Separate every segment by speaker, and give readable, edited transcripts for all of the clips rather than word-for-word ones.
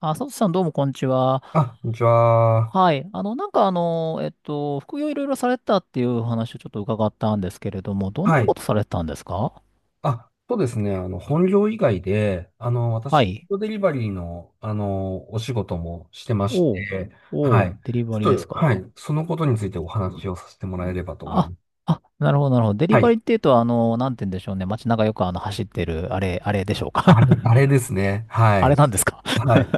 Speaker 1: あ、佐藤さんどうもこんにちは。
Speaker 2: あ、こんにちは。
Speaker 1: はい。副業いろいろされてたっていうお話をちょっと伺ったんですけれども、どんな
Speaker 2: はい。
Speaker 1: ことされてたんですか？
Speaker 2: あ、そうですね。本業以外で、私、
Speaker 1: は
Speaker 2: フー
Speaker 1: い。
Speaker 2: ドデリバリーの、お仕事もしてまし
Speaker 1: おう。
Speaker 2: て、は
Speaker 1: おう。
Speaker 2: い。
Speaker 1: デリ
Speaker 2: ち
Speaker 1: バ
Speaker 2: ょ
Speaker 1: リー
Speaker 2: っ
Speaker 1: です
Speaker 2: と、は
Speaker 1: か？
Speaker 2: い。そのことについてお話をさせてもらえればと思い
Speaker 1: あ、
Speaker 2: ます。
Speaker 1: あ、なるほど、なるほど。デリ
Speaker 2: は
Speaker 1: バ
Speaker 2: い。
Speaker 1: リーっていうと、なんて言うんでしょうね。街中よく走ってる、あれ、あれでしょうか？
Speaker 2: あれ、あれですね。は
Speaker 1: あれ
Speaker 2: い。
Speaker 1: なんですか？
Speaker 2: はい。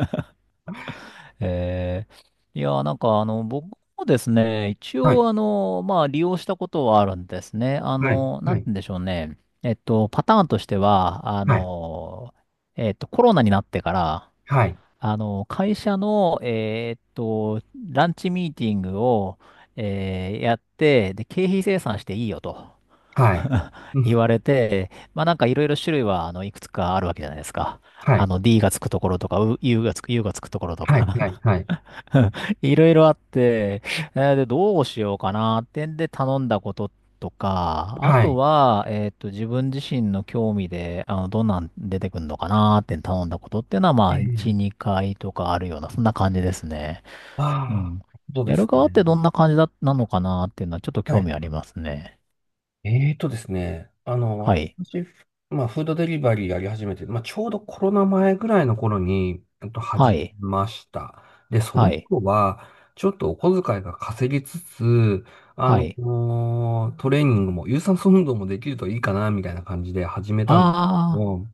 Speaker 1: え僕もですね、一
Speaker 2: はい。
Speaker 1: 応まあ利用したことはあるんですね。
Speaker 2: はい。
Speaker 1: な
Speaker 2: は
Speaker 1: んて
Speaker 2: い。
Speaker 1: 言うんでしょうね。パターンとしては、
Speaker 2: はい。
Speaker 1: コロナになってから、
Speaker 2: はい。
Speaker 1: 会社の、ランチミーティングを、やって、で、経費精算していいよと
Speaker 2: はい。う
Speaker 1: 言
Speaker 2: ん。
Speaker 1: われて、まあなんかいろいろ種類は、いくつかあるわけじゃないですか。
Speaker 2: は
Speaker 1: あ
Speaker 2: い。
Speaker 1: の、D がつくところとか、U がつくところとか
Speaker 2: はい。はい。はい。
Speaker 1: いろいろあって、で、どうしようかなってんで頼んだこととか、あ
Speaker 2: は
Speaker 1: と
Speaker 2: い。
Speaker 1: は、自分自身の興味で、どんなん出てくるのかなって頼んだことっていうのは、ま
Speaker 2: え
Speaker 1: あ、
Speaker 2: え。
Speaker 1: 1、2回とかあるような、そんな感じですね。
Speaker 2: あ
Speaker 1: う
Speaker 2: あ、
Speaker 1: ん。
Speaker 2: そうで
Speaker 1: やる
Speaker 2: す
Speaker 1: 側ってど
Speaker 2: ね。
Speaker 1: んな感じだ、なのかなっていうのは、ちょっと
Speaker 2: は
Speaker 1: 興味
Speaker 2: い。
Speaker 1: ありますね。
Speaker 2: えーとですね、あの、
Speaker 1: はい。
Speaker 2: 私、まあ、フードデリバリーやり始めて、まあ、ちょうどコロナ前ぐらいの頃に、
Speaker 1: は
Speaker 2: 始
Speaker 1: い。
Speaker 2: めました。で、そ
Speaker 1: は
Speaker 2: の
Speaker 1: い。
Speaker 2: 頃は、ちょっとお小遣いが稼ぎつつ、
Speaker 1: はい。
Speaker 2: トレーニングも、有酸素運動もできるといいかな、みたいな感じで始めたんですけ
Speaker 1: あ
Speaker 2: ど、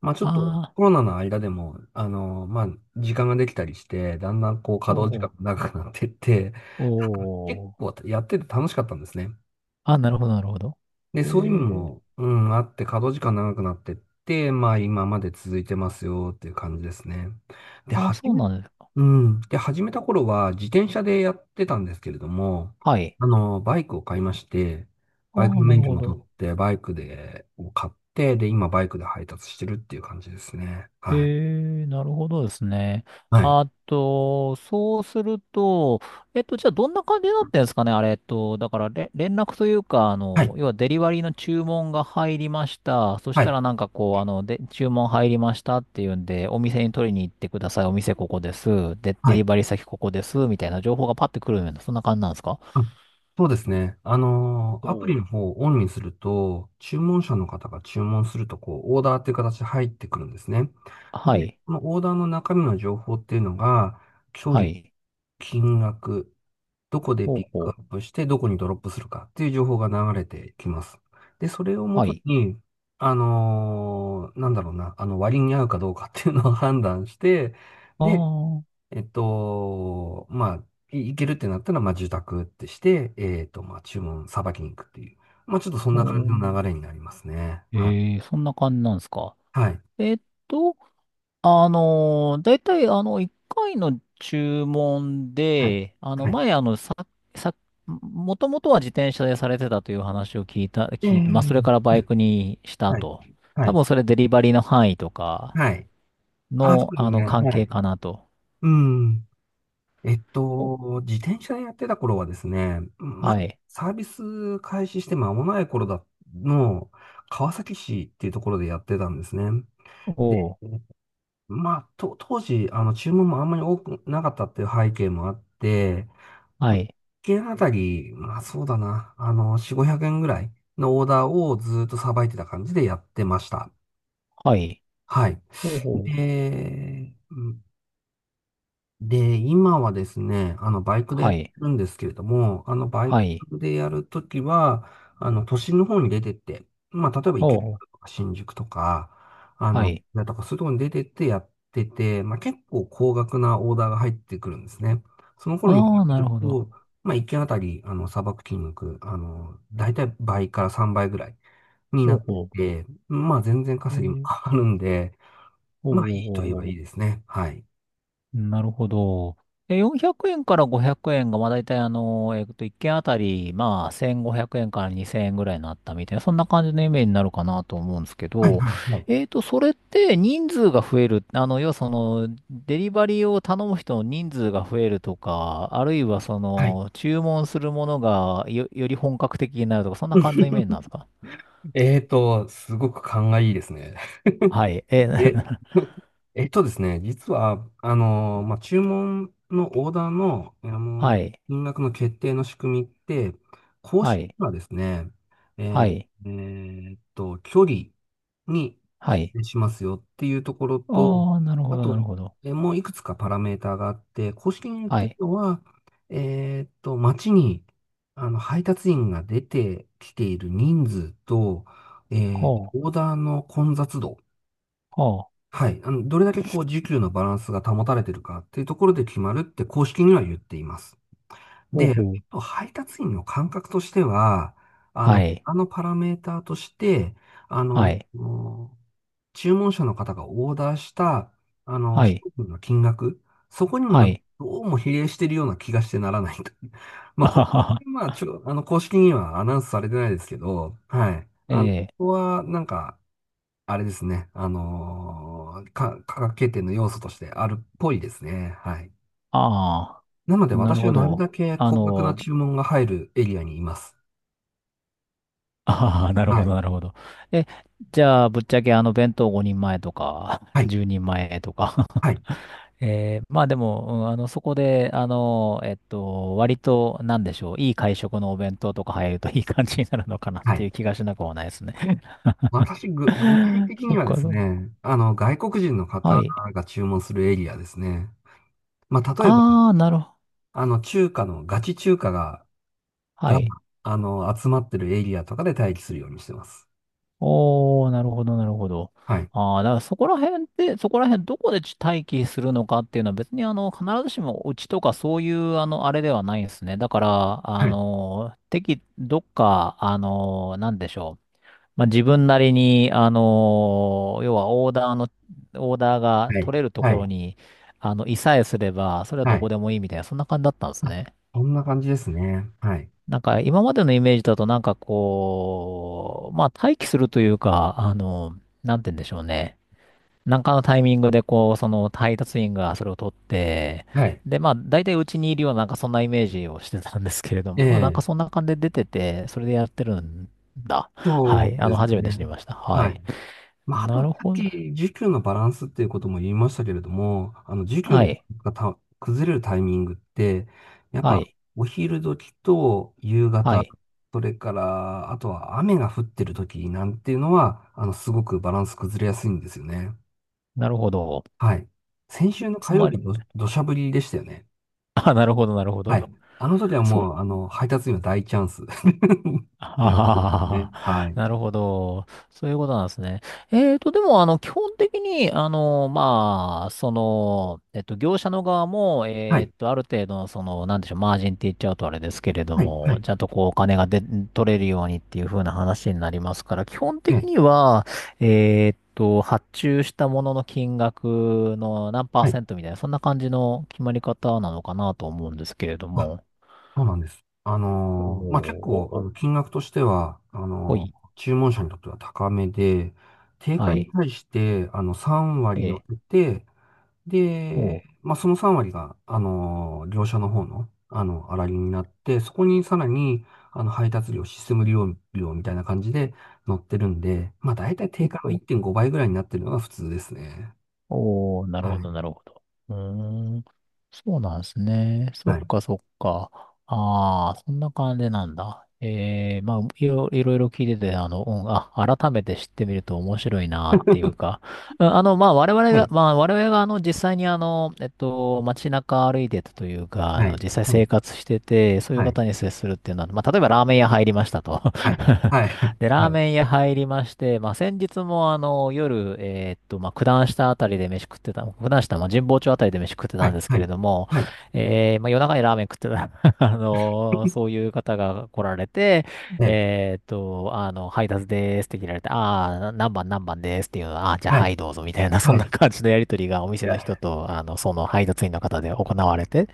Speaker 2: まあ、ちょ
Speaker 1: あ、
Speaker 2: っと
Speaker 1: ああ、
Speaker 2: コロナの間でも、まあ、時間ができたりして、だんだんこう、稼
Speaker 1: お
Speaker 2: 働時間
Speaker 1: お、
Speaker 2: が長くなってって、
Speaker 1: お
Speaker 2: 結
Speaker 1: お。
Speaker 2: 構やってて楽しかったんですね。
Speaker 1: あ、なるほど、なるほど。
Speaker 2: で、そういうの
Speaker 1: え
Speaker 2: も、うん、あって、稼働時間長くなってって、まあ今まで続いてますよっていう感じですね。で、
Speaker 1: ー、あ、
Speaker 2: 始
Speaker 1: そう
Speaker 2: め、
Speaker 1: なんですか。
Speaker 2: うん。で、始めた頃は自転車でやってたんですけれども、
Speaker 1: はい。
Speaker 2: バイクを買いまして、バイク
Speaker 1: ああ、
Speaker 2: の
Speaker 1: なる
Speaker 2: 免許
Speaker 1: ほ
Speaker 2: も取
Speaker 1: ど。
Speaker 2: って、バイクで、を買って、で、今バイクで配達してるっていう感じですね。
Speaker 1: え
Speaker 2: はい。
Speaker 1: え、なるほどですね。
Speaker 2: はい。
Speaker 1: あと、そうすると、じゃあどんな感じになってんですかね、あれ、えっと、だかられ、連絡というか、
Speaker 2: はい。
Speaker 1: 要はデリバリーの注文が入りました。そし
Speaker 2: は
Speaker 1: た
Speaker 2: い。
Speaker 1: らなんかこう、注文入りましたっていうんで、お店に取りに行ってください。お店ここです。で、
Speaker 2: は
Speaker 1: デリ
Speaker 2: い。
Speaker 1: バリー先ここです。みたいな情報がパッてくるような、そんな感じなんですか？
Speaker 2: あ、そうですね。
Speaker 1: お
Speaker 2: アプリ
Speaker 1: う、
Speaker 2: の方をオンにすると、注文者の方が注文すると、こう、オーダーっていう形で入ってくるんですね。
Speaker 1: は
Speaker 2: で、
Speaker 1: い。
Speaker 2: このオーダーの中身の情報っていうのが、距
Speaker 1: は
Speaker 2: 離、
Speaker 1: い。
Speaker 2: 金額、どこで
Speaker 1: ほう
Speaker 2: ピックア
Speaker 1: ほう。
Speaker 2: ップして、どこにドロップするかっていう情報が流れてきます。で、それをも
Speaker 1: は
Speaker 2: と
Speaker 1: い。
Speaker 2: に、あのーなんだろうな、あの、割に合うかどうかっていうのを判断して、
Speaker 1: あ
Speaker 2: で、
Speaker 1: あ、お
Speaker 2: まあ、いけるってなったら、まあ、受託ってして、まあ、注文、さばきに行くっていう。まあ、ちょっとそんな感じの流れ
Speaker 1: ー、
Speaker 2: になりますね。はい。
Speaker 1: ええ、そんな感じなんですか。
Speaker 2: はい。
Speaker 1: えっと、だいたい1回の注文
Speaker 2: はい。
Speaker 1: で、あの、
Speaker 2: はい。
Speaker 1: 前、あの、さ、さ、もともとは自転車でされてたという話を聞いて、まあ、そ
Speaker 2: え
Speaker 1: れ
Speaker 2: え、
Speaker 1: からバイクにした
Speaker 2: はい。
Speaker 1: と。
Speaker 2: は
Speaker 1: 多
Speaker 2: い。
Speaker 1: 分それデリバリーの範囲とか
Speaker 2: はい。あ、そ
Speaker 1: の、
Speaker 2: うですね。
Speaker 1: 関
Speaker 2: は
Speaker 1: 係
Speaker 2: い。
Speaker 1: かなと。
Speaker 2: うん。
Speaker 1: お、
Speaker 2: 自転車でやってた頃はですね、
Speaker 1: はい。
Speaker 2: サービス開始して間もない頃だの、川崎市っていうところでやってたんですね。で、
Speaker 1: おう、
Speaker 2: 当時、注文もあんまり多くなかったっていう背景もあって、
Speaker 1: は
Speaker 2: 1
Speaker 1: い。
Speaker 2: 件あたり、まあそうだな、4、500円ぐらいのオーダーをずっとさばいてた感じでやってました。
Speaker 1: はい。
Speaker 2: はい。
Speaker 1: おうほう。
Speaker 2: で、で、今はですね、バイクでや
Speaker 1: は
Speaker 2: って
Speaker 1: い。
Speaker 2: るんですけれども、バイ
Speaker 1: は
Speaker 2: ク
Speaker 1: い。
Speaker 2: でやるときは、都心の方に出てって、まあ、例えば池
Speaker 1: おうほう。
Speaker 2: 袋とか新宿とか、
Speaker 1: はい。
Speaker 2: だとかそういうところに出てってやってて、まあ、結構高額なオーダーが入ってくるんですね。その頃に比
Speaker 1: ああ、な
Speaker 2: べ
Speaker 1: る
Speaker 2: る
Speaker 1: ほど。
Speaker 2: と、まあ、1件あたり、砂漠金額、だいたい倍から3倍ぐらいにな
Speaker 1: おう
Speaker 2: っ
Speaker 1: ほ
Speaker 2: てて、まあ、全然
Speaker 1: う。え
Speaker 2: 稼ぎも
Speaker 1: ー、
Speaker 2: 変わるんで、
Speaker 1: おう
Speaker 2: まあ、いいといえ
Speaker 1: おう
Speaker 2: ば
Speaker 1: お
Speaker 2: い
Speaker 1: う
Speaker 2: いですね。はい。
Speaker 1: なるほど。え、400円から500円が、まあ大体1件あたり、まあ1500円から2000円ぐらいになったみたいな、そんな感じのイメージになるかなと思うんですけ
Speaker 2: はい、
Speaker 1: ど、
Speaker 2: はい、はい。
Speaker 1: それって人数が増える、要はその、デリバリーを頼む人の人数が増えるとか、あるいはそ
Speaker 2: はい。
Speaker 1: の、注文するものがよ、より本格的になるとか、そんな感じのイメージ なんですか？
Speaker 2: すごく勘がいいですね。
Speaker 1: はい。え、
Speaker 2: え、えっとですね、実は、まあ、注文のオーダーの、
Speaker 1: はい。
Speaker 2: 金額の決定の仕組みって、公
Speaker 1: は
Speaker 2: 式に
Speaker 1: い。
Speaker 2: はですね、え
Speaker 1: は
Speaker 2: ー
Speaker 1: い。
Speaker 2: え距離に
Speaker 1: は
Speaker 2: 比
Speaker 1: い。
Speaker 2: 例しますよっていうところと、
Speaker 1: ああ、なる
Speaker 2: あ
Speaker 1: ほど、
Speaker 2: と、
Speaker 1: なるほど。
Speaker 2: もういくつかパラメーターがあって、公式に言っ
Speaker 1: は
Speaker 2: てる
Speaker 1: い。
Speaker 2: のは、街に、配達員が出てきている人数と、オーダーの混雑度、
Speaker 1: ああ、
Speaker 2: はい。どれだけこう、時給のバランスが保たれてるかっていうところで決まるって公式には言っています。
Speaker 1: ほう
Speaker 2: で、
Speaker 1: ほう。
Speaker 2: 配達員の感覚としては、
Speaker 1: はい、
Speaker 2: あのパラメーターとして、
Speaker 1: はい、
Speaker 2: もう注文者の方がオーダーした、
Speaker 1: は
Speaker 2: 商
Speaker 1: い、
Speaker 2: 品の金額、そこにも
Speaker 1: は
Speaker 2: なんか、
Speaker 1: い。
Speaker 2: どうも比例してるような気がしてならないと。まあ、
Speaker 1: あ
Speaker 2: こ
Speaker 1: は
Speaker 2: こ
Speaker 1: は。
Speaker 2: れまあ、ちょ、あの、公式にはアナウンスされてないですけど、はい。
Speaker 1: え
Speaker 2: こ
Speaker 1: え、
Speaker 2: こは、なんか、あれですね。あのーか、科学経典の要素としてあるっぽいですね。はい。
Speaker 1: ああ、
Speaker 2: なので
Speaker 1: なる
Speaker 2: 私は
Speaker 1: ほ
Speaker 2: なる
Speaker 1: ど。
Speaker 2: だけ
Speaker 1: あ
Speaker 2: 高額な
Speaker 1: の、
Speaker 2: 注文が入るエリアにいます。
Speaker 1: ああ、なる
Speaker 2: は
Speaker 1: ほど、
Speaker 2: い。
Speaker 1: なるほど。え、じゃあ、ぶっちゃけあの弁当5人前とか、
Speaker 2: は い。
Speaker 1: 10人前とか
Speaker 2: はい。
Speaker 1: えー、まあでも、うん、そこで、割と、なんでしょう、いい会食のお弁当とか入るといい感じになるのかなっ
Speaker 2: は
Speaker 1: てい
Speaker 2: い。
Speaker 1: う気がしなくもないですね。
Speaker 2: 私、具体 的
Speaker 1: そ
Speaker 2: に
Speaker 1: っ
Speaker 2: はで
Speaker 1: か、
Speaker 2: す
Speaker 1: そっか。
Speaker 2: ね、外国人の
Speaker 1: は
Speaker 2: 方
Speaker 1: い。
Speaker 2: が注文するエリアですね。まあ、例えば、
Speaker 1: ああ、なるほど。
Speaker 2: 中華の、ガチ中華が、
Speaker 1: は
Speaker 2: が、
Speaker 1: い。
Speaker 2: 集まってるエリアとかで待機するようにしてます。
Speaker 1: おー、なるほど、なるほど。
Speaker 2: はい。
Speaker 1: ああ、だからそこら辺って、そこら辺どこで待機するのかっていうのは別に必ずしもうちとかそういうあれではないですね。だから、あ
Speaker 2: はい。
Speaker 1: の、適、どっか、あの、なんでしょう。まあ、自分なりに、要はオーダーが
Speaker 2: はい。
Speaker 1: 取れると
Speaker 2: は
Speaker 1: こ
Speaker 2: い。
Speaker 1: ろに、いさえすれば、それは
Speaker 2: は
Speaker 1: ど
Speaker 2: い。
Speaker 1: こでもいいみたいな、そんな感じだったんですね。
Speaker 2: こんな感じですね。はい。
Speaker 1: なんか今までのイメージだとなんかこう、まあ待機するというか、なんて言うんでしょうね。なんかのタイミングでこう、その配達員がそれを取って、
Speaker 2: はい。
Speaker 1: で、まあ大体うちにいるようななんかそんなイメージをしてたんですけれども、まあなん
Speaker 2: え
Speaker 1: かそ
Speaker 2: え、
Speaker 1: んな感じで出てて、それでやってるんだ。は
Speaker 2: そ
Speaker 1: い。
Speaker 2: う
Speaker 1: あ
Speaker 2: で
Speaker 1: の、
Speaker 2: す
Speaker 1: 初め
Speaker 2: ね。
Speaker 1: て知りました。は
Speaker 2: はい。
Speaker 1: い。
Speaker 2: まあ、あと、
Speaker 1: な
Speaker 2: さ
Speaker 1: る
Speaker 2: っ
Speaker 1: ほ
Speaker 2: き、
Speaker 1: ど。
Speaker 2: 需給のバランスっていうことも言いましたけれども、需給
Speaker 1: は
Speaker 2: の
Speaker 1: い。
Speaker 2: がた崩れるタイミングって、やっ
Speaker 1: は
Speaker 2: ぱ、
Speaker 1: い。
Speaker 2: お昼時と夕
Speaker 1: は
Speaker 2: 方、
Speaker 1: い。
Speaker 2: それから、あとは雨が降ってる時なんていうのは、すごくバランス崩れやすいんですよね。
Speaker 1: なるほど。
Speaker 2: はい。先週の
Speaker 1: つ
Speaker 2: 火曜
Speaker 1: ま
Speaker 2: 日、
Speaker 1: り、
Speaker 2: 土砂降りでしたよね。
Speaker 1: あ、なるほど、なるほ
Speaker 2: は
Speaker 1: ど。
Speaker 2: い。あの時は
Speaker 1: そ
Speaker 2: もう、
Speaker 1: う、
Speaker 2: 配達員は大チャンス。ね。
Speaker 1: あ
Speaker 2: は
Speaker 1: あ、
Speaker 2: い。
Speaker 1: なるほど。そういうことなんですね。でも、あの、基本的に、業者の側も、
Speaker 2: はい。
Speaker 1: ある程度の、その、なんでしょう、マージンって言っちゃうとあれですけれど
Speaker 2: はい。は
Speaker 1: も、
Speaker 2: い。
Speaker 1: ちゃんとこう、お金がで、取れるようにっていう風な話になりますから、基本
Speaker 2: え
Speaker 1: 的
Speaker 2: え。
Speaker 1: には、発注したものの金額の何パー
Speaker 2: はい。
Speaker 1: セントみたいな、そんな感じの決まり方なのかなと思うんですけれども。
Speaker 2: そうなんです。
Speaker 1: お
Speaker 2: 結構、あ
Speaker 1: ー、
Speaker 2: の金額としては、あ
Speaker 1: ほ
Speaker 2: の
Speaker 1: い、
Speaker 2: 注文者にとっては高めで、定
Speaker 1: は
Speaker 2: 価に
Speaker 1: い。
Speaker 2: 対して、3割乗っ
Speaker 1: ええ、
Speaker 2: て、で、
Speaker 1: おう、
Speaker 2: まあ、その3割が、あの業者の方の、粗利になって、そこにさらに、配達料、システム利用料みたいな感じで乗ってるんで、まあ、たい定
Speaker 1: お
Speaker 2: 価の
Speaker 1: う、
Speaker 2: 1.5倍ぐらいになってるのが普通ですね。
Speaker 1: おうなるほど、なるほど。うーん、そうなんですね。そ
Speaker 2: は
Speaker 1: っ
Speaker 2: い。
Speaker 1: か、そっか。ああ、そんな感じなんだ。ええ、まあ、いろいろいろ聞いてて、うん、あ、改めて知ってみると面白いなっていうか、うん、あの、まあ、我々
Speaker 2: は
Speaker 1: が、
Speaker 2: い。
Speaker 1: まあ、我々が、実際に、街中歩いてたというか、
Speaker 2: はい。
Speaker 1: 実際生活してて、そういう
Speaker 2: はい。
Speaker 1: 方に接するっていうのは、まあ、例えばラーメン屋入りましたと。
Speaker 2: はい。はい。はい。
Speaker 1: で、ラー
Speaker 2: はい。
Speaker 1: メン屋入りまして、まあ、先日も夜、まあ、九段下あたりで飯食ってた、九段下、まあ、神保町あたりで飯食って
Speaker 2: は
Speaker 1: たん
Speaker 2: い。
Speaker 1: です
Speaker 2: は
Speaker 1: けれ
Speaker 2: い。
Speaker 1: ども、
Speaker 2: はい。
Speaker 1: えー、まあ、夜中にラーメン食ってた、そう いう方が来られて、
Speaker 2: ね、
Speaker 1: 配達でーすって切られて、ああ、何番何番ですっていうのは、ああー、じゃあ
Speaker 2: はい、
Speaker 1: はいどうぞみたいな、そ
Speaker 2: は
Speaker 1: ん
Speaker 2: い。い
Speaker 1: な感じのやりとりがお店の
Speaker 2: や、
Speaker 1: 人と、その配達員の方で行われて、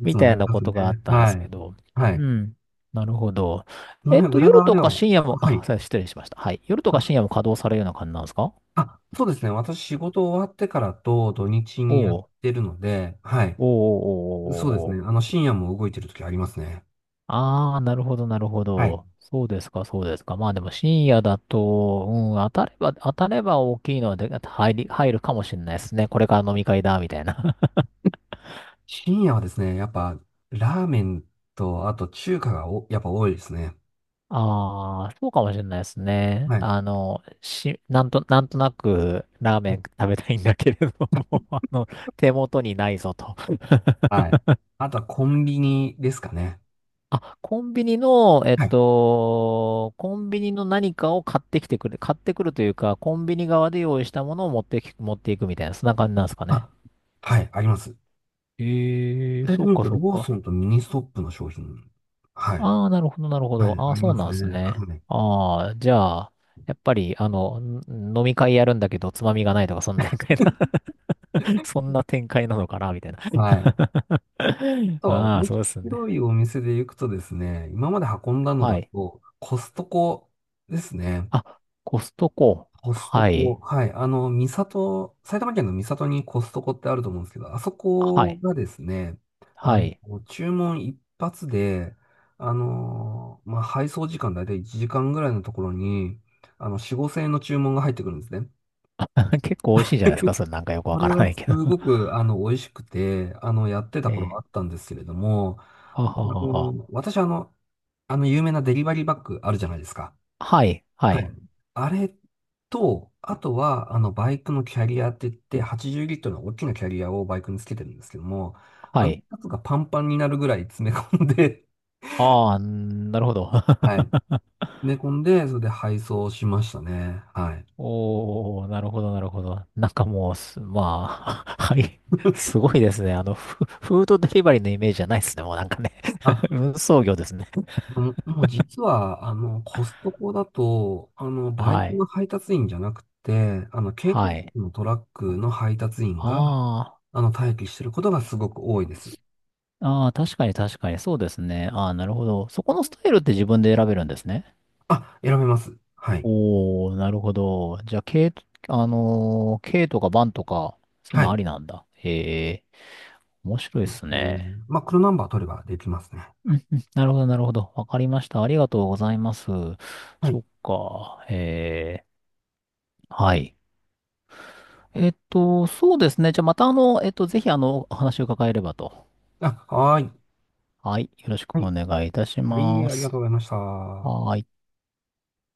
Speaker 2: いつ
Speaker 1: み
Speaker 2: も
Speaker 1: た
Speaker 2: やっ
Speaker 1: い
Speaker 2: て
Speaker 1: な
Speaker 2: ま
Speaker 1: こ
Speaker 2: すね。
Speaker 1: とがあったんで
Speaker 2: は
Speaker 1: すけ
Speaker 2: い。
Speaker 1: ど、
Speaker 2: は
Speaker 1: う
Speaker 2: い。
Speaker 1: ん。なるほど。
Speaker 2: その辺、裏
Speaker 1: 夜
Speaker 2: 側
Speaker 1: と
Speaker 2: では
Speaker 1: か
Speaker 2: も
Speaker 1: 深夜
Speaker 2: う、
Speaker 1: も、
Speaker 2: はい。
Speaker 1: あ、すいません失礼しました。はい。夜とか深
Speaker 2: あ、
Speaker 1: 夜も稼働されるような感じなんですか？
Speaker 2: あ、そうですね。私、仕事終わってからと土日
Speaker 1: お
Speaker 2: にやっ
Speaker 1: う
Speaker 2: てるので、はい。
Speaker 1: おうおうお
Speaker 2: そうです
Speaker 1: うおうお
Speaker 2: ね。
Speaker 1: う、
Speaker 2: 深夜も動いてる時ありますね。
Speaker 1: ああー、なるほど、なるほ
Speaker 2: はい。
Speaker 1: ど。そうですか、そうですか。まあでも深夜だと、うん、当たれば大きいのはで、入るかもしれないですね。これから飲み会だ、みたいな。
Speaker 2: 深夜はですね、やっぱ、ラーメンと、あと中華が、やっぱ多いですね。
Speaker 1: ああ、そうかもしれないですね。
Speaker 2: はい。
Speaker 1: あの、し、なんと、なんとなくラーメン食べたいんだけれども、あの、手元にないぞと。
Speaker 2: はい。あとはコンビニですかね。
Speaker 1: あ、コンビニの、
Speaker 2: はい。
Speaker 1: コンビニの何かを買ってくるというか、コンビニ側で用意したものを持っていくみたいな、そんな感じなんですかね。
Speaker 2: あ、はい、あります。
Speaker 1: ええ、
Speaker 2: 具体的
Speaker 1: そ
Speaker 2: に
Speaker 1: う
Speaker 2: 言う
Speaker 1: か、
Speaker 2: と、
Speaker 1: そ
Speaker 2: ロ
Speaker 1: う
Speaker 2: ー
Speaker 1: か。
Speaker 2: ソンとミニストップの商品。はい。
Speaker 1: ああ、なるほど、なるほ
Speaker 2: はい、
Speaker 1: ど。ああ、
Speaker 2: あり
Speaker 1: そう
Speaker 2: ます
Speaker 1: なんです
Speaker 2: ね。
Speaker 1: ね。
Speaker 2: はい。
Speaker 1: ああ、じゃあ、やっぱり、あの、ん飲み会やるんだけど、つまみがないとか、そんな展開な そんな展開なのかな、みたい
Speaker 2: はい。あ
Speaker 1: な。
Speaker 2: とは、
Speaker 1: ああ、
Speaker 2: 面
Speaker 1: そうです
Speaker 2: 白
Speaker 1: ね。
Speaker 2: いお店で行くとですね、今まで運んだの
Speaker 1: は
Speaker 2: だ
Speaker 1: い。
Speaker 2: と、コストコですね。
Speaker 1: あ、コストコ。
Speaker 2: コスト
Speaker 1: は
Speaker 2: コ。
Speaker 1: い。
Speaker 2: はい。三郷、埼玉県の三郷にコストコってあると思うんですけど、あそ
Speaker 1: は
Speaker 2: こ
Speaker 1: い。
Speaker 2: がですね、あ
Speaker 1: はい。
Speaker 2: の、注文一発で、まあ、配送時間だいたい1時間ぐらいのところに、4、5千円の注文が入ってくるんですね。
Speaker 1: 結構美味しいじゃないですか。それなんかよく
Speaker 2: そ
Speaker 1: わか
Speaker 2: れ
Speaker 1: らな
Speaker 2: は
Speaker 1: い
Speaker 2: す
Speaker 1: けど。
Speaker 2: ごく、美味しくて、やって た頃があ
Speaker 1: ええ。
Speaker 2: ったんですけれども、
Speaker 1: は
Speaker 2: あ
Speaker 1: ははは。
Speaker 2: の、私、あの、あの、有名なデリバリーバッグあるじゃないですか。
Speaker 1: はい、は
Speaker 2: はい。
Speaker 1: い、
Speaker 2: あれと、あとは、バイクのキャリアって言って、80リットルの大きなキャリアをバイクにつけてるんですけども、あ
Speaker 1: は
Speaker 2: の
Speaker 1: い。
Speaker 2: やつがパンパンになるぐらい詰め込んで、
Speaker 1: ああ、なるほど。
Speaker 2: はい。詰 め込んで、それで配送しましたね。はい。
Speaker 1: おー、なるほど、なるほど。なんかもうす、まあ、はい。すごいですね。フードデリバリーのイメージじゃないですね。もうなんかね。
Speaker 2: あ、
Speaker 1: 運送業ですね。
Speaker 2: もう実は、コストコだと、バイ
Speaker 1: は
Speaker 2: ク
Speaker 1: い。
Speaker 2: の配達員じゃなくて、軽貨
Speaker 1: はい。
Speaker 2: 物のトラックの配達員が、
Speaker 1: あ
Speaker 2: 待機してることがすごく多いです。
Speaker 1: あ、ああ、確かに確かに。そうですね。ああ、なるほど。そこのスタイルって自分で選べるんですね。
Speaker 2: あ、選べます。はい。
Speaker 1: おー、なるほど。じゃあ、K、K とかバンとかそういう
Speaker 2: は
Speaker 1: のあ
Speaker 2: い。
Speaker 1: りなんだ。へえ、面白いっす
Speaker 2: う
Speaker 1: ね。
Speaker 2: んまあ、黒ナンバー取ればできますね。
Speaker 1: うんうん、なるほど、なるほど。わかりました。ありがとうございます。
Speaker 2: は
Speaker 1: そ
Speaker 2: い。
Speaker 1: っか。えー、はい。そうですね。じゃあ、またぜひあの、お話を伺えればと。
Speaker 2: あ、はーい。
Speaker 1: はい。よろし
Speaker 2: は
Speaker 1: くお
Speaker 2: い。
Speaker 1: 願いいたし
Speaker 2: はい、
Speaker 1: ま
Speaker 2: ありが
Speaker 1: す。
Speaker 2: とうございました。
Speaker 1: はーい。